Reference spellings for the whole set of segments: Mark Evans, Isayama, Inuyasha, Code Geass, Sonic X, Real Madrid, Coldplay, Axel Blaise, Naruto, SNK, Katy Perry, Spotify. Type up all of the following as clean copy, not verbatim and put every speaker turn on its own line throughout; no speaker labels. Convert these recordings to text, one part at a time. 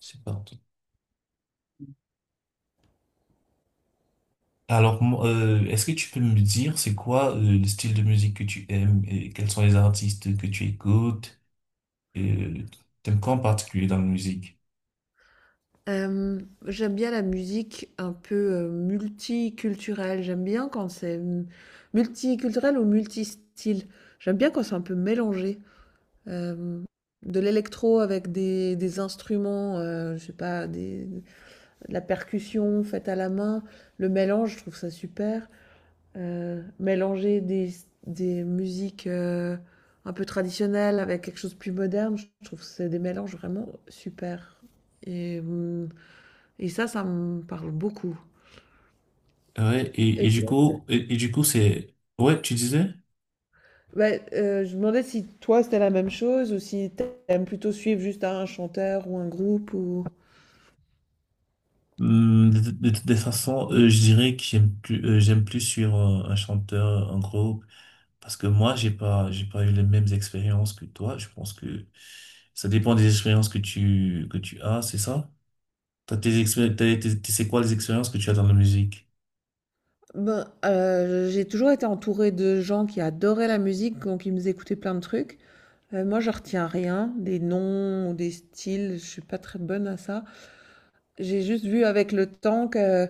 C'est parti.
Mmh.
Alors, est-ce que tu peux me dire c'est quoi le style de musique que tu aimes et quels sont les artistes que tu écoutes? Euh, T'aimes quoi en particulier dans la musique?
J'aime bien la musique un peu multiculturelle. J'aime bien quand c'est multiculturel ou multistyle. J'aime bien quand c'est un peu mélangé. Euh, de l'électro avec des instruments, je sais pas, de la percussion faite à la main. Le mélange, je trouve ça super. Mélanger des musiques, un peu traditionnelles avec quelque chose de plus moderne, je trouve que c'est des mélanges vraiment super et et ça me parle beaucoup
Ouais, et,
et
et du
toi?
coup, et, et du coup, c'est, ouais, tu disais,
Je me demandais si toi, c'était la même chose ou si t'aimes plutôt suivre juste un chanteur ou un groupe ou?
Des façons, je dirais que j'aime plus sur un chanteur, un groupe, parce que moi, j'ai pas eu les mêmes expériences que toi. Je pense que ça dépend des expériences que tu as, c'est ça? T'as tes expé- t'as- t'es- t'es- C'est quoi les expériences que tu as dans la musique?
J'ai toujours été entourée de gens qui adoraient la musique, donc ils me faisaient écouter plein de trucs. Moi, je retiens rien, des noms ou des styles, je suis pas très bonne à ça. J'ai juste vu avec le temps que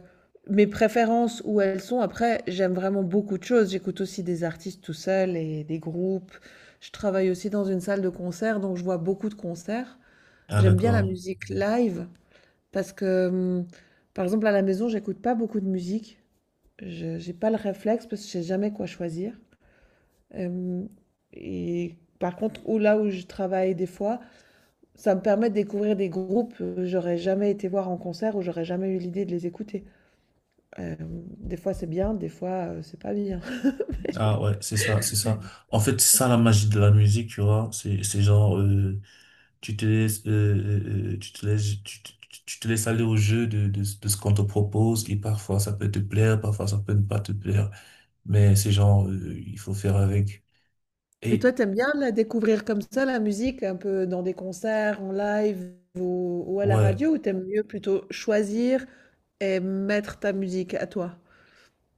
mes préférences où elles sont. Après, j'aime vraiment beaucoup de choses. J'écoute aussi des artistes tout seul et des groupes. Je travaille aussi dans une salle de concert, donc je vois beaucoup de concerts.
Ah,
J'aime bien la
d'accord.
musique live parce que, par exemple, à la maison, j'écoute pas beaucoup de musique. Je J'ai pas le réflexe parce que je sais jamais quoi choisir. Hum, et par contre, où là où je travaille des fois, ça me permet de découvrir des groupes que j'aurais jamais été voir en concert ou j'aurais jamais eu l'idée de les écouter. Des fois c'est bien, des fois, c'est pas bien.
Ah, ouais, c'est ça, c'est ça. En fait, c'est ça la magie de la musique, tu vois. C'est genre, tu te laisses, tu te laisses, tu te laisses aller au jeu de ce qu'on te propose et parfois ça peut te plaire, parfois ça peut ne pas te plaire. Mais c'est genre, il faut faire avec.
Mais
Et,
toi, t'aimes bien la découvrir comme ça la musique, un peu dans des concerts, en live ou à la
ouais.
radio? Ou t'aimes mieux plutôt choisir et mettre ta musique à toi?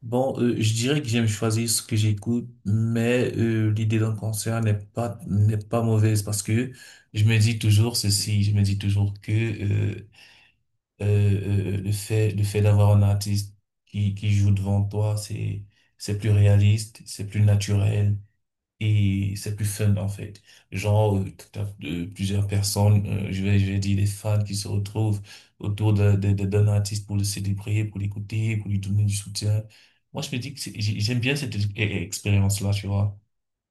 Bon, je dirais que j'aime choisir ce que j'écoute, mais l'idée d'un concert n'est pas mauvaise parce que je me dis toujours ceci, je me dis toujours que le fait d'avoir un artiste qui joue devant toi, c'est plus réaliste, c'est plus naturel. Et c'est plus fun en fait. Genre, t'as, plusieurs personnes, je vais dire des fans qui se retrouvent autour d'un artiste pour le célébrer, pour l'écouter, pour lui donner du soutien. Moi, je me dis que j'aime bien cette expérience-là, tu vois.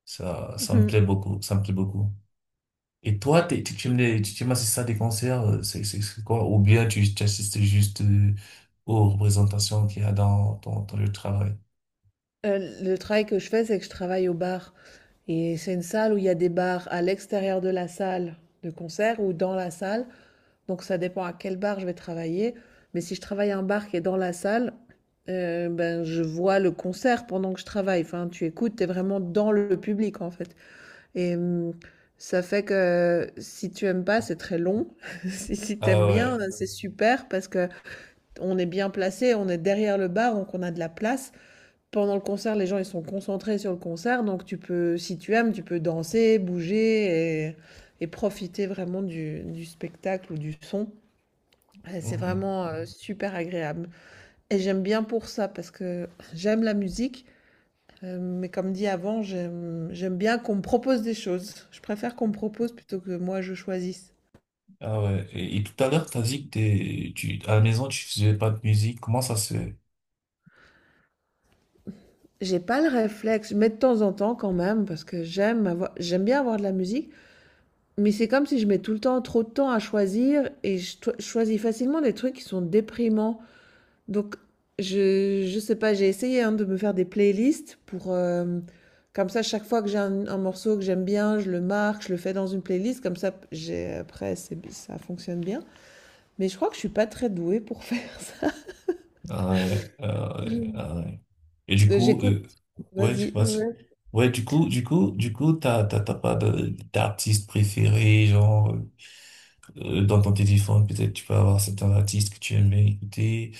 Ça
Mmh
me
mh.
plaît beaucoup, ça me plaît beaucoup. Et toi, tu aimes les, tu aimes assister à des concerts, c'est quoi? Ou bien tu assistes juste aux représentations qu'il y a dans ton lieu de travail?
Le travail que je fais, c'est que je travaille au bar et c'est une salle où il y a des bars à l'extérieur de la salle de concert ou dans la salle. Donc ça dépend à quel bar je vais travailler. Mais si je travaille un bar qui est dans la salle, ben, je vois le concert pendant que je travaille. Enfin, tu écoutes, tu es vraiment dans le public en fait. Et ça fait que si tu aimes pas, c'est très long. Si tu aimes bien,
Ah
c'est super parce que on est bien placé, on est derrière le bar, donc on a de la place. Pendant le concert, les gens ils sont concentrés sur le concert, donc tu peux, si tu aimes, tu peux danser, bouger et profiter vraiment du spectacle ou du son. Ouais, c'est
ouais.
vraiment, super agréable et j'aime bien pour ça parce que j'aime la musique, mais comme dit avant, j'aime bien qu'on me propose des choses. Je préfère qu'on me propose plutôt que moi je choisisse.
Ah ouais. Et tout à l'heure, t'as dit que à la maison, tu faisais pas de musique. Comment ça se fait?
J'ai pas le réflexe, mais de temps en temps quand même parce que j'aime bien avoir de la musique, mais c'est comme si je mets tout le temps trop de temps à choisir et je toi je choisis facilement des trucs qui sont déprimants. Donc, je sais pas, j'ai essayé hein, de me faire des playlists pour, comme ça, chaque fois que j'ai un morceau que j'aime bien, je le marque, je le fais dans une playlist. Comme ça, j'ai, après, ça fonctionne bien. Mais je crois que je suis pas très douée pour faire ça.
Ah ouais, ah ouais,
Je-
ah ouais. Et du coup,
J'écoute,
ouais, je sais
vas-y.
pas si-
Ouais.
Ouais, du coup, t'as pas d'artiste préféré, genre, dans ton téléphone, peut-être tu peux avoir certains artistes que tu aimes bien écouter.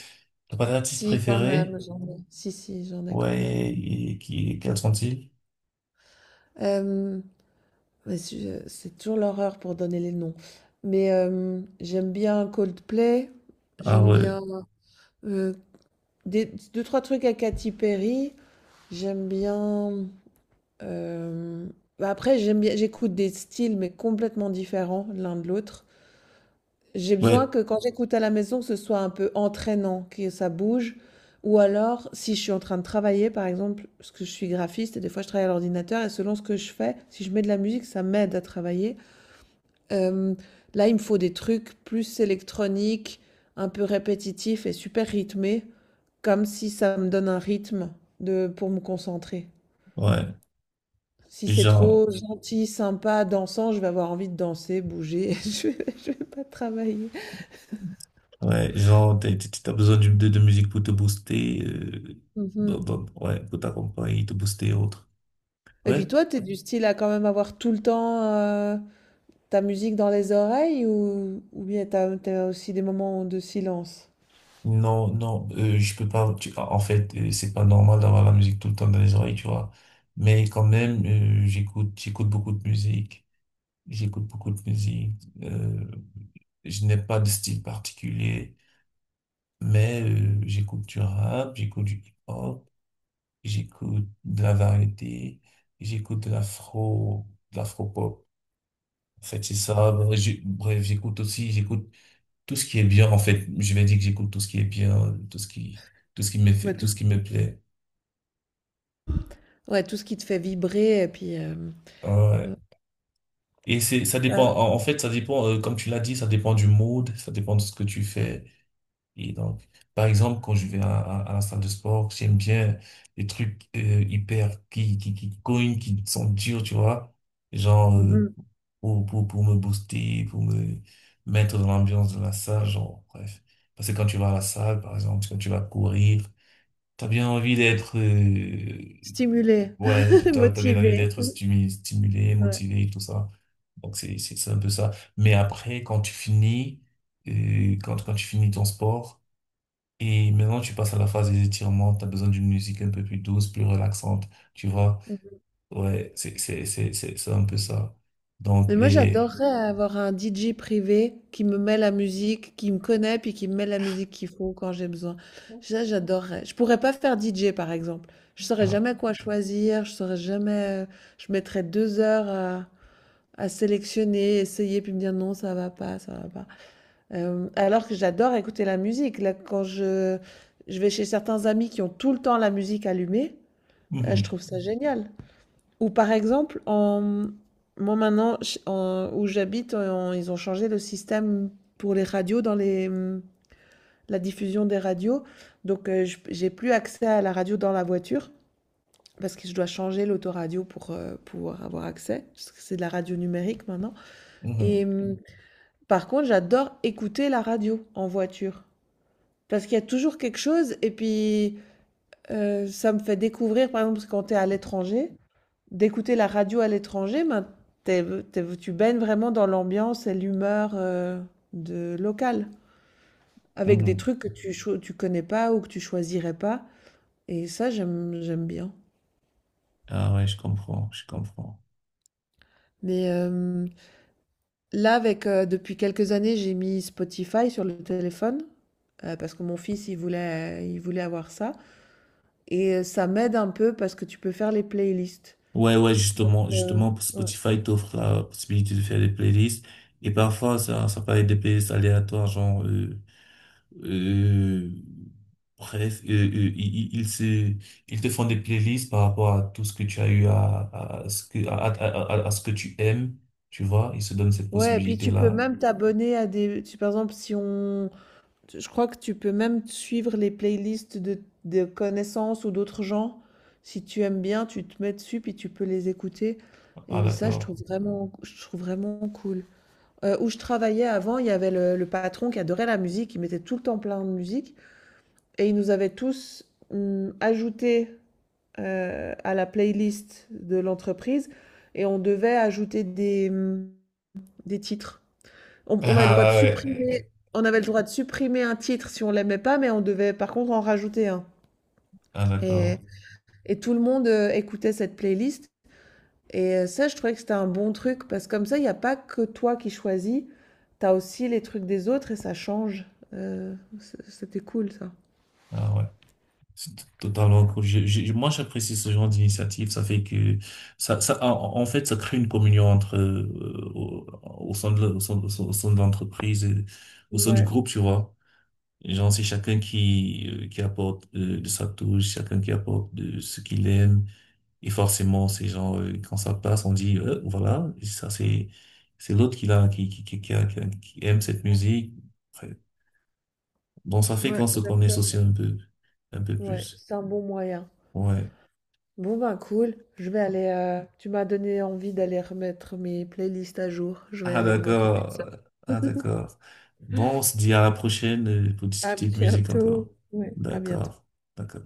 T'as pas d'artiste
Si, quand
préféré?
même, j'en ai. Si, si, j'en ai quand même.
Ouais, et quels sont-ils?
Euh, mais c'est toujours l'horreur pour donner les noms. Mais j'aime bien Coldplay.
Ah
J'aime
ouais,
bien euh, Des, 2, 3 trucs à Katy Perry. J'aime bien. euh, Après, j'aime bien, j'écoute des styles, mais complètement différents l'un de l'autre. J'ai besoin
ouais,
que quand j'écoute à la maison, que ce soit un peu entraînant, que ça bouge. Ou alors, si je suis en train de travailler, par exemple, parce que je suis graphiste et des fois je travaille à l'ordinateur, et selon ce que je fais, si je mets de la musique, ça m'aide à travailler. Euh, Là, il me faut des trucs plus électroniques, un peu répétitifs et super rythmés. Comme si ça me donne un rythme de pour me concentrer.
ouais.
Si c'est
Genre,
trop Oui. gentil, sympa, dansant, je vais avoir envie de danser, bouger, je vais pas travailler.
Ouais, genre, t'as besoin de musique pour te booster,
Mhm.
ouais, pour t'accompagner, te booster et autres.
Et puis
Ouais.
toi, t'es Oui. du style à quand même avoir tout le temps ta musique dans les oreilles ou bien t'as aussi des moments de silence?
Non, non, je peux pas, tu- en fait, c'est pas normal d'avoir la musique tout le temps dans les oreilles, tu vois. Mais quand même, j'écoute beaucoup de musique. J'écoute beaucoup de musique. Je n'ai pas de style particulier, mais j'écoute du rap, j'écoute du hip-hop, j'écoute de la variété, j'écoute de l'afro, de l'afro-pop. En fait, c'est ça. Bref, j'écoute aussi, j'écoute tout ce qui est bien. En fait, je vais dire que j'écoute tout ce qui est bien,
Ouais,
tout ce qui me plaît.
ouais, tout ce qui te fait vibrer et puis euh,
Ouais. Et c'est, ça dépend.
euh,
En fait, ça dépend, comme tu l'as dit, ça dépend du mood, ça dépend de ce que tu fais. Et donc, par exemple, quand je vais à la salle de sport, j'aime bien les trucs hyper qui cognent, qui sont durs, tu vois. Genre,
mhm.
pour me booster, pour me mettre dans l'ambiance de la salle, genre, bref. Parce que quand tu vas à la salle, par exemple, quand tu vas courir, t'as bien envie d'être,
Stimuler,
ouais, t'as bien envie
motiver.
d'être stimulé,
Ouais.
motivé, tout ça. Donc, c'est un peu ça. Mais après, quand tu finis, quand tu finis ton sport, et maintenant, tu passes à la phase des étirements. Tu as besoin d'une musique un peu plus douce, plus relaxante. Tu vois? Ouais, c'est un peu ça. Donc,
Mais moi,
les.
j'adorerais avoir un DJ privé qui me met la musique, qui me connaît, puis qui me met la musique qu'il faut quand j'ai besoin. Ça, j'adorerais. Je pourrais pas faire DJ, par exemple. Je saurais
Ah,
jamais quoi choisir, je saurais jamais... Je mettrais 2 heures à sélectionner, essayer, puis me dire non, ça va pas, ça va pas. Alors que j'adore écouter la musique. Là, je vais chez certains amis qui ont tout le temps la musique allumée, je
mhm,
trouve ça génial. Ou par exemple, en... moi maintenant, où j'habite, ils ont changé le système pour les radios, la diffusion des radios. Donc, j'ai plus accès à la radio dans la voiture parce que je dois changer l'autoradio pour pouvoir avoir accès, parce que c'est de la radio numérique maintenant.
mhm,
Et par contre, j'adore écouter la radio en voiture. Parce qu'il y a toujours quelque chose, et puis ça me fait découvrir, par exemple, parce que quand tu es à l'étranger, d'écouter la radio à l'étranger, ben, t'es- tu baignes vraiment dans l'ambiance et l'humeur de locale, avec des
mhm.
trucs que tu connais pas ou que tu choisirais pas. Et ça, j'aime bien.
Ah ouais, je comprends, je comprends.
Mais là, depuis quelques années, j'ai mis Spotify sur le téléphone. Parce que mon fils, il voulait avoir ça. Et ça m'aide un peu parce que tu peux faire les playlists.
Ouais, ouais, justement,
Euh,
justement,
ouais.
Spotify t'offre la possibilité de faire des playlists. Et parfois, ça peut être des playlists aléatoires, genre, euh, bref, ils se, ils te font des playlists par rapport à tout ce que tu as eu à ce que tu aimes, tu vois, ils se donnent cette
Ouais, et puis tu peux
possibilité-là.
même t'abonner à des... par exemple, si on, je crois que tu peux même suivre les playlists de connaissances ou d'autres gens. Si tu aimes bien, tu te mets dessus puis tu peux les écouter.
Ah,
Et ça,
d'accord.
je trouve vraiment cool. Où je travaillais avant, il y avait le patron qui adorait la musique, il mettait tout le temps plein de musique. Et il nous avait tous ajouté à la playlist de l'entreprise. Et on devait ajouter des titres. On avait le droit de
Ah
supprimer
ouais.
on avait le droit de supprimer un titre si on l'aimait pas, mais on devait par contre en rajouter un.
Ah,
Et,
d'accord.
et tout le monde écoutait cette playlist. Et ça, je trouvais que c'était un bon truc, parce que comme ça, il n'y a pas que toi qui choisis, t'as aussi les trucs des autres et ça change. C'était cool ça.
Ah, ouais. C'est totalement cool. Moi, j'apprécie ce genre d'initiative. Ça fait que ça, en fait, ça crée une communion entre au, au sein de l'entreprise, et au sein du
Ouais,
groupe, tu vois. Genre, c'est chacun qui apporte de sa touche, chacun qui apporte de ce qu'il aime. Et forcément, ces gens quand ça passe, on dit voilà, ça c'est l'autre qui aime cette musique. Après, Bon, ça fait
Ouais.
qu'on se connaît aussi
Exactement.
un peu
Ouais,
plus.
c'est un bon moyen.
Ouais.
Bon ben cool, je vais aller... tu m'as donné envie d'aller remettre mes playlists à jour. Je vais
Ah
aller m'occuper de
d'accord.
ça.
Ah d'accord. Bon, on se dit à la prochaine pour
À
discuter de musique encore.
bientôt. Ouais, à bientôt.
D'accord. D'accord.